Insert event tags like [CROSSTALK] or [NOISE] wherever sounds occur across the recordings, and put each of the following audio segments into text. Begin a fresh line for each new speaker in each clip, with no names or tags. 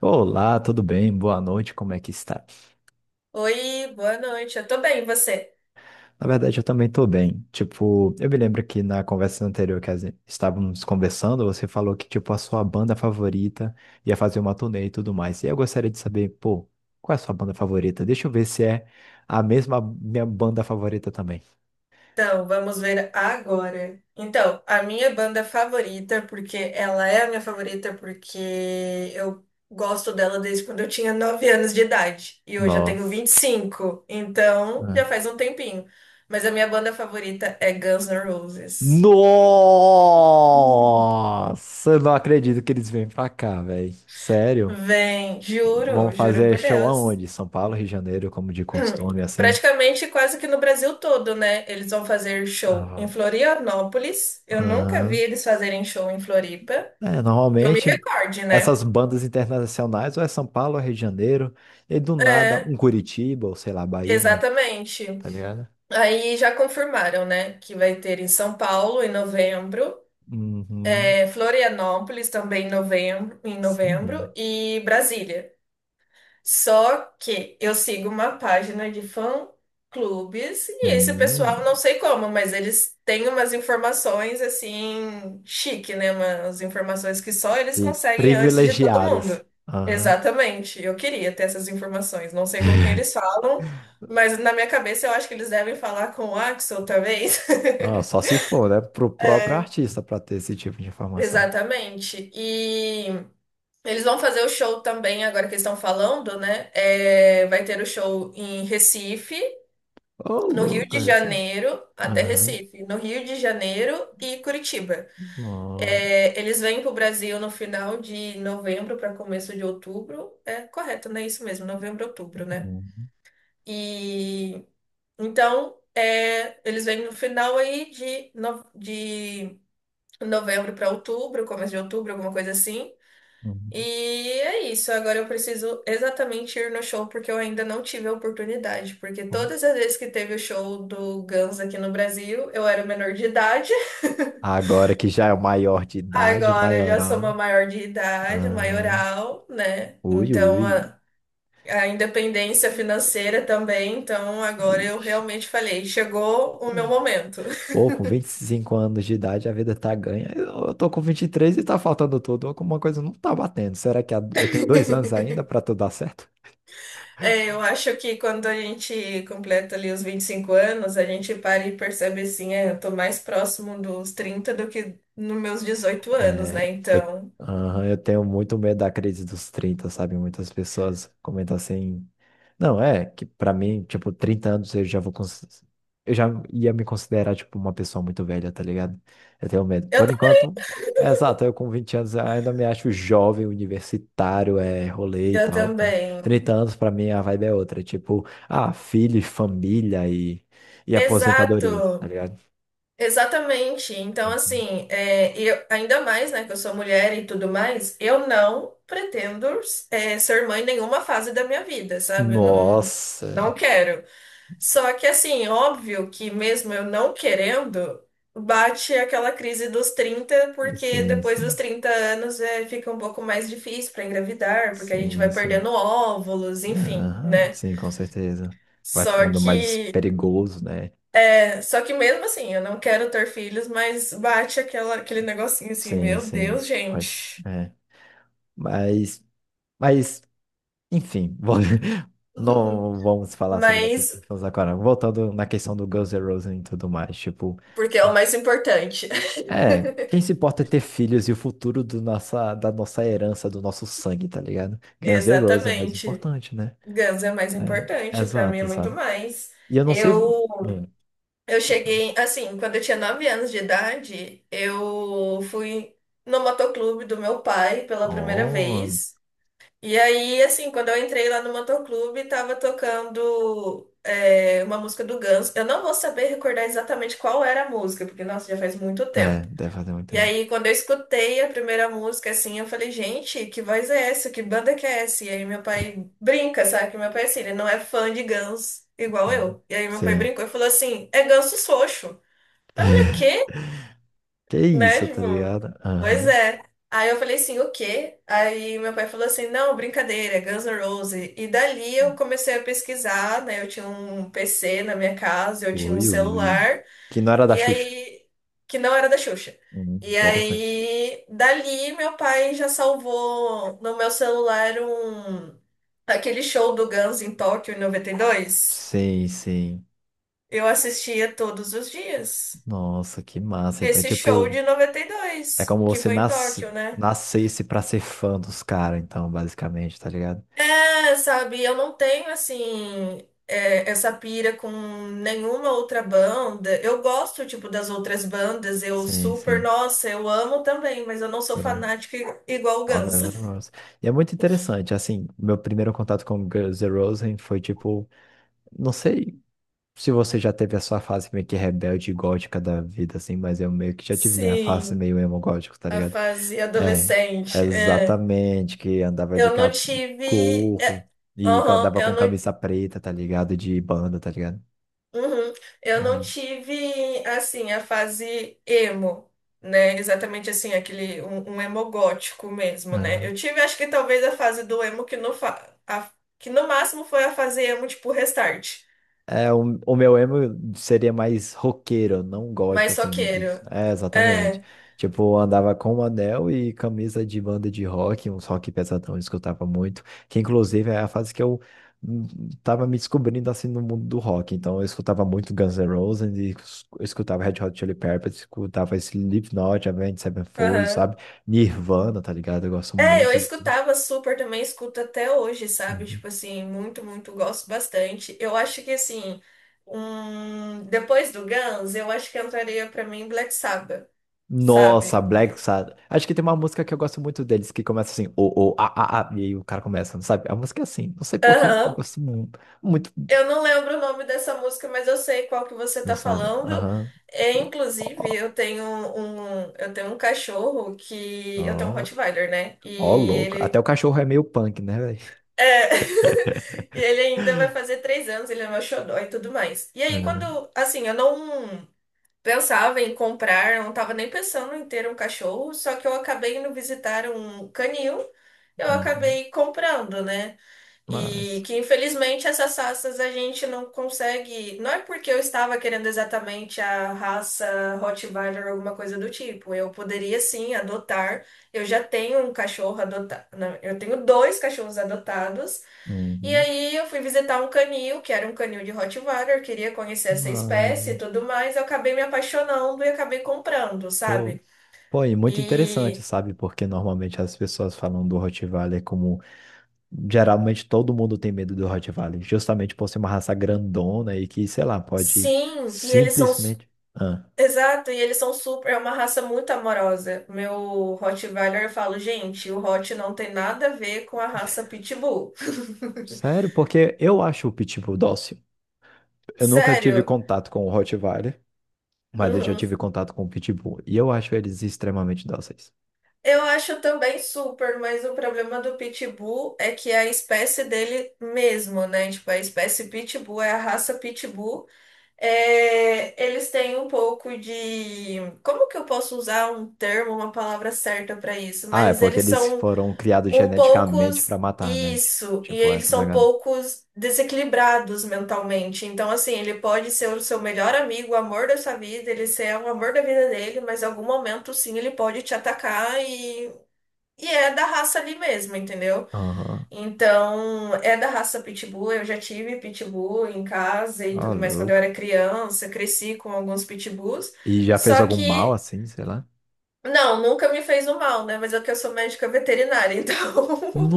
Olá, tudo bem? Boa noite, como é que está?
Oi, boa noite. Eu tô bem, e você?
Na verdade, eu também estou bem. Tipo, eu me lembro que na conversa anterior que estávamos conversando, você falou que, tipo, a sua banda favorita ia fazer uma turnê e tudo mais. E eu gostaria de saber, pô, qual é a sua banda favorita? Deixa eu ver se é a mesma minha banda favorita também.
Então, vamos ver agora. Então, a minha banda favorita, porque ela é a minha favorita, porque eu gosto dela desde quando eu tinha 9 anos de idade. E hoje eu tenho
Nossa.
25. Então já
Ah.
faz um tempinho. Mas a minha banda favorita é Guns N' Roses.
Nossa, eu não acredito que eles vêm pra cá, velho. Sério?
Vem,
Vão
juro, juro
fazer
por
show
Deus.
aonde? São Paulo, Rio de Janeiro, como de
[CLEARS THROAT]
costume, assim?
Praticamente quase que no Brasil todo, né? Eles vão fazer show em
Aham.
Florianópolis. Eu nunca vi
Aham.
eles fazerem show em Floripa.
É,
Que eu me
normalmente
recorde, né?
essas bandas internacionais ou é São Paulo, ou é Rio de Janeiro, e do nada
É,
um Curitiba, ou sei lá, Bahia, mas
exatamente.
tá ligado?
Aí já confirmaram, né? Que vai ter em São Paulo em novembro,
Uhum.
é, Florianópolis também em novembro
Sim.
e Brasília. Só que eu sigo uma página de fã-clubes e esse
Hum.
pessoal, não sei como, mas eles têm umas informações assim, chique, né? Umas informações que só eles
E
conseguem antes de todo
privilegiadas.
mundo.
Aham.
Exatamente. Eu queria ter essas informações. Não sei com quem eles falam, mas na minha cabeça eu acho que eles devem falar com o Axel, talvez. [LAUGHS]
Ah, só se for, né? Pro próprio artista pra ter esse tipo de informação.
Exatamente. E eles vão fazer o show também, agora que eles estão falando, né? É, vai ter o show em Recife,
Ô,
no Rio
louco
de
esse.
Janeiro até
Aham.
Recife, no Rio de Janeiro e Curitiba.
Nossa.
É, eles vêm para o Brasil no final de novembro para começo de outubro, é correto, né? Isso mesmo, novembro, outubro, né?
Uhum.
E então é, eles vêm no final aí de, de novembro para outubro, começo de outubro, alguma coisa assim. E é isso, agora eu preciso exatamente ir no show porque eu ainda não tive a oportunidade, porque
Uhum.
todas as vezes que teve o show do Guns aqui no Brasil, eu era menor de idade. [LAUGHS]
Agora que já é o maior de idade,
Agora eu já sou uma
maioral.
maior de idade,
Ah,
maioral, né?
ui,
Então
ui.
a independência financeira também, então agora eu
Ixi.
realmente falei, chegou o meu
Poxa.
momento.
Pô, com 25 anos de idade a vida tá ganha. Eu tô com 23 e três e tá faltando tudo. Alguma coisa não tá batendo. Será que eu tenho dois
[LAUGHS]
anos ainda pra tudo dar certo?
É, eu acho que quando a gente completa ali os 25 anos, a gente para e percebe assim, é, eu tô mais próximo dos 30 do que nos meus 18 anos, né?
É, eu,
Então,
aham, eu tenho muito medo da crise dos 30, sabe? Muitas pessoas comentam assim. Não, é que pra mim, tipo, 30 anos eu já vou. Eu já ia me considerar, tipo, uma pessoa muito velha, tá ligado? Eu tenho medo.
eu,
Por
tam-
enquanto, é exato, eu com 20 anos ainda me acho jovem, universitário, é rolê e
eu
tal.
também.
30 anos pra mim a vibe é outra. Tipo, ah, filho, e família e aposentadoria, tá
Exato,
ligado?
exatamente. Então,
Uhum.
assim, é, e eu, ainda mais, né, que eu sou mulher e tudo mais, eu não pretendo, é, ser mãe em nenhuma fase da minha vida, sabe? Não,
Nossa,
não quero. Só que assim, óbvio que mesmo eu não querendo, bate aquela crise dos 30 porque
sim,
depois dos
sim.
30 anos é, fica um pouco mais difícil para engravidar, porque a gente
Sim,
vai
sim.
perdendo óvulos, enfim,
Aham,
né?
sim, com certeza. Vai
Só
ficando mais
que,
perigoso, né?
só que mesmo assim, eu não quero ter filhos, mas bate aquela, aquele negocinho assim,
Sim,
meu
sim.
Deus,
Pode.
gente.
É. Mas, mas, enfim, [LAUGHS]
[LAUGHS]
não vamos falar sobre essas
Mas,
pessoas agora. Voltando na questão do Guns N' Roses e tudo mais, tipo,
porque é o mais importante.
é, quem se importa é ter filhos e o futuro da nossa herança, do nosso sangue, tá ligado?
[LAUGHS]
Guns N' Roses é mais
Exatamente.
importante, né?
Guns é mais
É,
importante, para mim é
exato,
muito
sabe?
mais.
E eu não sei.
Eu
Hum,
Eu
pode falar.
cheguei, assim, quando eu tinha 9 anos de idade, eu fui no motoclube do meu pai pela primeira
Oh,
vez. E aí, assim, quando eu entrei lá no motoclube, tava tocando é, uma música do Guns. Eu não vou saber recordar exatamente qual era a música, porque, nossa, já faz muito
é,
tempo.
deve fazer muito
E
tempo.
aí, quando eu escutei a primeira música, assim, eu falei, gente, que voz é essa? Que banda que é essa? E aí, meu pai brinca, sabe? Que meu pai, assim, ele não é fã de Guns igual
Hum.
eu. E aí, meu pai
Sim.
brincou e falou assim: é Ganso Xoxo. Aí eu falei, o
[LAUGHS]
quê?
Que isso,
Né?
tá
Tipo,
ligado?
pois
Aham.
é. Aí eu falei assim, o quê? Aí meu pai falou assim, não, brincadeira, é Guns N' Roses. E dali eu comecei a pesquisar, né? Eu tinha um PC na minha casa, eu tinha um
Ui, ui.
celular,
Que não era da
e
Xuxa.
aí, que não era da Xuxa. E
Interessante.
aí, dali meu pai já salvou no meu celular aquele show do Guns em Tóquio em 92.
Sim, sim.
Eu assistia todos os dias.
Nossa, que massa. Então,
Esse show
tipo,
de noventa e
é
dois
como
que
você
foi em
nas...
Tóquio, né?
nascesse pra ser fã dos caras, então, basicamente, tá ligado?
É, sabe, eu não tenho, assim, é, essa pira com nenhuma outra banda. Eu gosto, tipo, das outras bandas, eu
Sim,
super,
sim.
nossa, eu amo também, mas eu não sou
Tudo.
fanática igual o
All
Guns.
Girls and
[LAUGHS]
Roses. E é muito interessante, assim, meu primeiro contato com Girls N' Roses foi, tipo, não sei se você já teve a sua fase meio que rebelde e gótica da vida, assim, mas eu meio que já tive minha fase
Sim,
meio emo gótico, tá
a
ligado?
fase
É,
adolescente, é.
exatamente, que andava de
Eu não tive.
gorro
É,
e
aham,
andava
eu
com
não.
camisa preta, tá ligado? De banda, tá ligado?
Uhum. Eu não tive, assim, a fase emo, né? Exatamente assim, aquele, um emo gótico mesmo, né?
É,
Eu tive, acho que talvez a fase do emo que no, que no máximo foi a fase emo, tipo, restart.
o meu emo seria mais roqueiro, não gótico,
Mas
assim.
soqueiro.
Disso. É, exatamente.
É,
Tipo, andava com um anel e camisa de banda de rock, uns rock pesadão, eu escutava muito. Que, inclusive, é a fase que eu hum, tava me descobrindo, assim, no mundo do rock. Então, eu escutava muito Guns N' Roses, e eu escutava Red Hot Chili Peppers, escutava Slipknot, Avenged Sevenfold,
aham.
sabe? Nirvana, tá ligado? Eu gosto
É, eu
muito.
escutava super também, escuto até hoje, sabe?
Uhum.
Tipo assim, muito, muito, gosto bastante. Eu acho que, assim, depois do Guns, eu acho que entraria pra mim Black Sabbath, sabe?
Nossa, Black Sabbath. Acho que tem uma música que eu gosto muito deles, que começa assim, o, a, e aí o cara começa, não sabe? A música é assim, não sei por que eu
Aham.
gosto muito,
Eu não lembro o nome dessa música, mas eu sei qual que você
não
tá
sabe?
falando.
Aham.
É,
Ó,
inclusive,
ó,
eu tenho um cachorro que eu tenho um
ó,
Rottweiler, né?
ó,
E
louco. Até o
ele
cachorro é meio punk, né, velho?
é, [LAUGHS] e ele ainda vai fazer 3 anos, ele é meu xodó e tudo mais. E aí,
Aham,
quando, assim, eu não pensava em comprar, eu não tava nem pensando em ter um cachorro, só que eu acabei indo visitar um canil, eu
uhum.
acabei comprando, né? E
Mas,
que infelizmente essas raças a gente não consegue. Não é porque eu estava querendo exatamente a raça Rottweiler ou alguma coisa do tipo. Eu poderia sim adotar. Eu já tenho um cachorro adotado. Eu tenho dois cachorros adotados. E
uhum.
aí eu fui visitar um canil, que era um canil de Rottweiler, queria conhecer
Que
essa espécie
massa.
e tudo mais. Eu acabei me apaixonando e acabei comprando,
Pô,
sabe?
pô, e muito interessante,
E
sabe? Porque normalmente as pessoas falam do Rottweiler como geralmente todo mundo tem medo do Rottweiler, justamente por ser uma raça grandona e que, sei lá, pode
sim, e eles são.
simplesmente. Ah,
Exato, e eles são super, é uma raça muito amorosa. Meu Rottweiler, eu falo, gente, o Hot não tem nada a ver com a raça Pitbull. [LAUGHS]
sério, porque eu acho o Pitbull dócil. Eu nunca tive
Sério.
contato com o Rottweiler, mas eu já
Uhum.
tive contato com o Pitbull e eu acho eles extremamente dóceis.
Eu acho também super, mas o problema do Pitbull é que é a espécie dele mesmo, né? Tipo, a espécie Pitbull é a raça Pitbull. É, eles têm um pouco de. Como que eu posso usar um termo, uma palavra certa para isso?
Ah, é
Mas
porque
eles
eles
são
foram criados
um
geneticamente pra
poucos
matar, né?
isso, e
Tipo,
eles
essa
são
pegada.
poucos desequilibrados mentalmente. Então, assim, ele pode ser o seu melhor amigo, o amor da sua vida, ele ser o amor da vida dele, mas em algum momento, sim, ele pode te atacar e, é da raça ali mesmo, entendeu?
Aham,
Então, é da raça Pitbull. Eu já tive Pitbull em casa e
ah,
tudo mais quando eu
louco.
era criança, cresci com alguns Pitbulls,
E já fez
só
algum mal
que.
assim, sei lá?
Não, nunca me fez o mal, né? Mas é que eu sou médica veterinária, então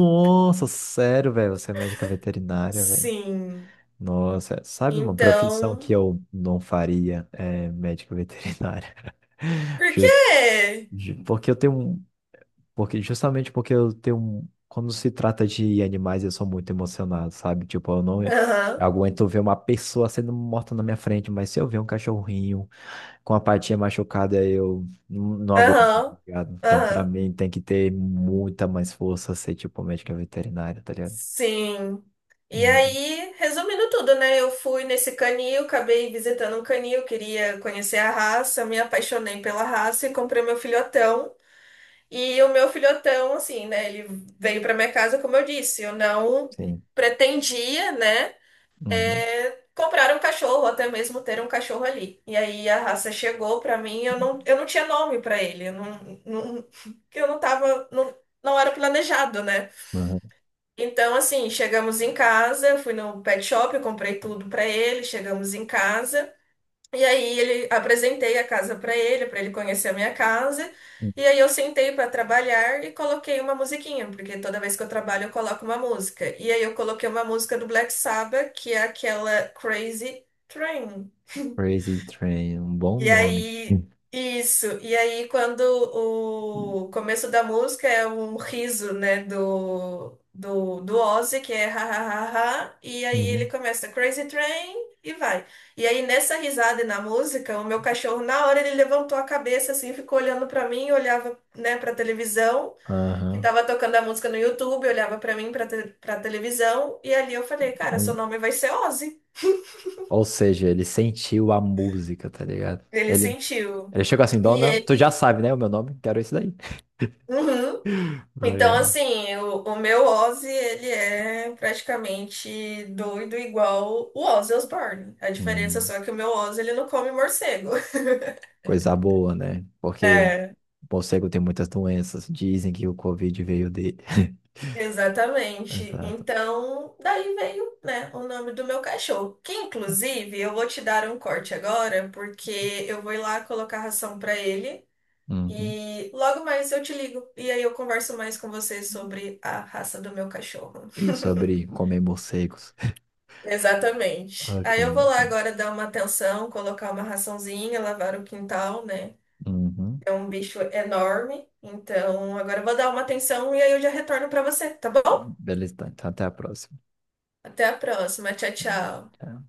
[LAUGHS]
sério, velho, você é médica veterinária, velho.
Sim.
Nossa, sabe uma profissão que
Então,
eu não faria? É médico veterinário. [LAUGHS]
por
Jus-
quê?
porque eu tenho um, porque justamente porque eu tenho um, quando se trata de animais, eu sou muito emocionado, sabe? Tipo, eu não
Aham,
aguento ver uma pessoa sendo morta na minha frente, mas se eu ver um cachorrinho com a patinha machucada, eu não aguento, tá
aham,
ligado? Então, pra
aham.
mim tem que ter muita mais força ser tipo médico veterinário, tá ligado?
Sim. E
Uhum,
aí, resumindo tudo, né? Eu fui nesse canil, acabei visitando um canil, queria conhecer a raça, me apaixonei pela raça e comprei meu filhotão. E o meu filhotão, assim, né? Ele veio para minha casa, como eu disse, eu não
sim.
pretendia, né?
Uhum.
É, comprar um cachorro, até mesmo ter um cachorro ali. E aí a raça chegou pra mim, eu não tinha nome pra ele, eu não, não, [LAUGHS] eu não tava, não, não era planejado, né?
Uhum.
Então, assim, chegamos em casa, eu fui no pet shop, eu comprei tudo pra ele, chegamos em casa. E aí ele apresentei a casa para ele conhecer a minha casa. E aí eu sentei para trabalhar e coloquei uma musiquinha, porque toda vez que eu trabalho eu coloco uma música. E aí eu coloquei uma música do Black Sabbath, que é aquela Crazy Train.
Crazy Train, um bom
E
nome.
aí,
Hum.
isso. E aí, quando o começo da música é um riso, né, do Ozzy, que é ha, ha, ha, ha, e aí ele
Uhum.
começa Crazy Train e vai. E aí, nessa risada e na música, o meu cachorro, na hora, ele levantou a cabeça, assim, ficou olhando pra mim, olhava, né, pra televisão, que
Aham.
tava tocando a música no YouTube, olhava pra mim, pra televisão, e ali eu falei, cara, seu
Um-
nome vai ser Ozzy.
ou seja, ele sentiu a música, tá ligado?
Ele
Ele,
sentiu.
ele chegou assim,
E
dona, tu já
ele.
sabe, né, o meu nome? Quero isso daí.
Uhum. Então,
Legal.
assim, o meu Ozzy, ele é praticamente doido igual o Ozzy Osbourne. A diferença
Hum,
só é que o meu Ozzy, ele não come morcego. [LAUGHS]
coisa boa, né? Porque o
É,
morcego tem muitas doenças. Dizem que o Covid veio dele. [LAUGHS]
exatamente.
Exato.
Então, daí veio, né, o nome do meu cachorro. Que, inclusive, eu vou te dar um corte agora, porque eu vou ir lá colocar ração pra ele.
Uhum.
E logo mais eu te ligo. E aí eu converso mais com você sobre a raça do meu cachorro.
E
[LAUGHS]
sobre comer morcegos.
Exatamente.
Ok,
Aí eu vou lá
então.
agora dar uma atenção, colocar uma raçãozinha, lavar o quintal, né?
Uhum.
É um bicho enorme. Então agora eu vou dar uma atenção e aí eu já retorno para você, tá bom?
Beleza, então então, até a próxima.
Até a próxima. Tchau, tchau.
Tchau.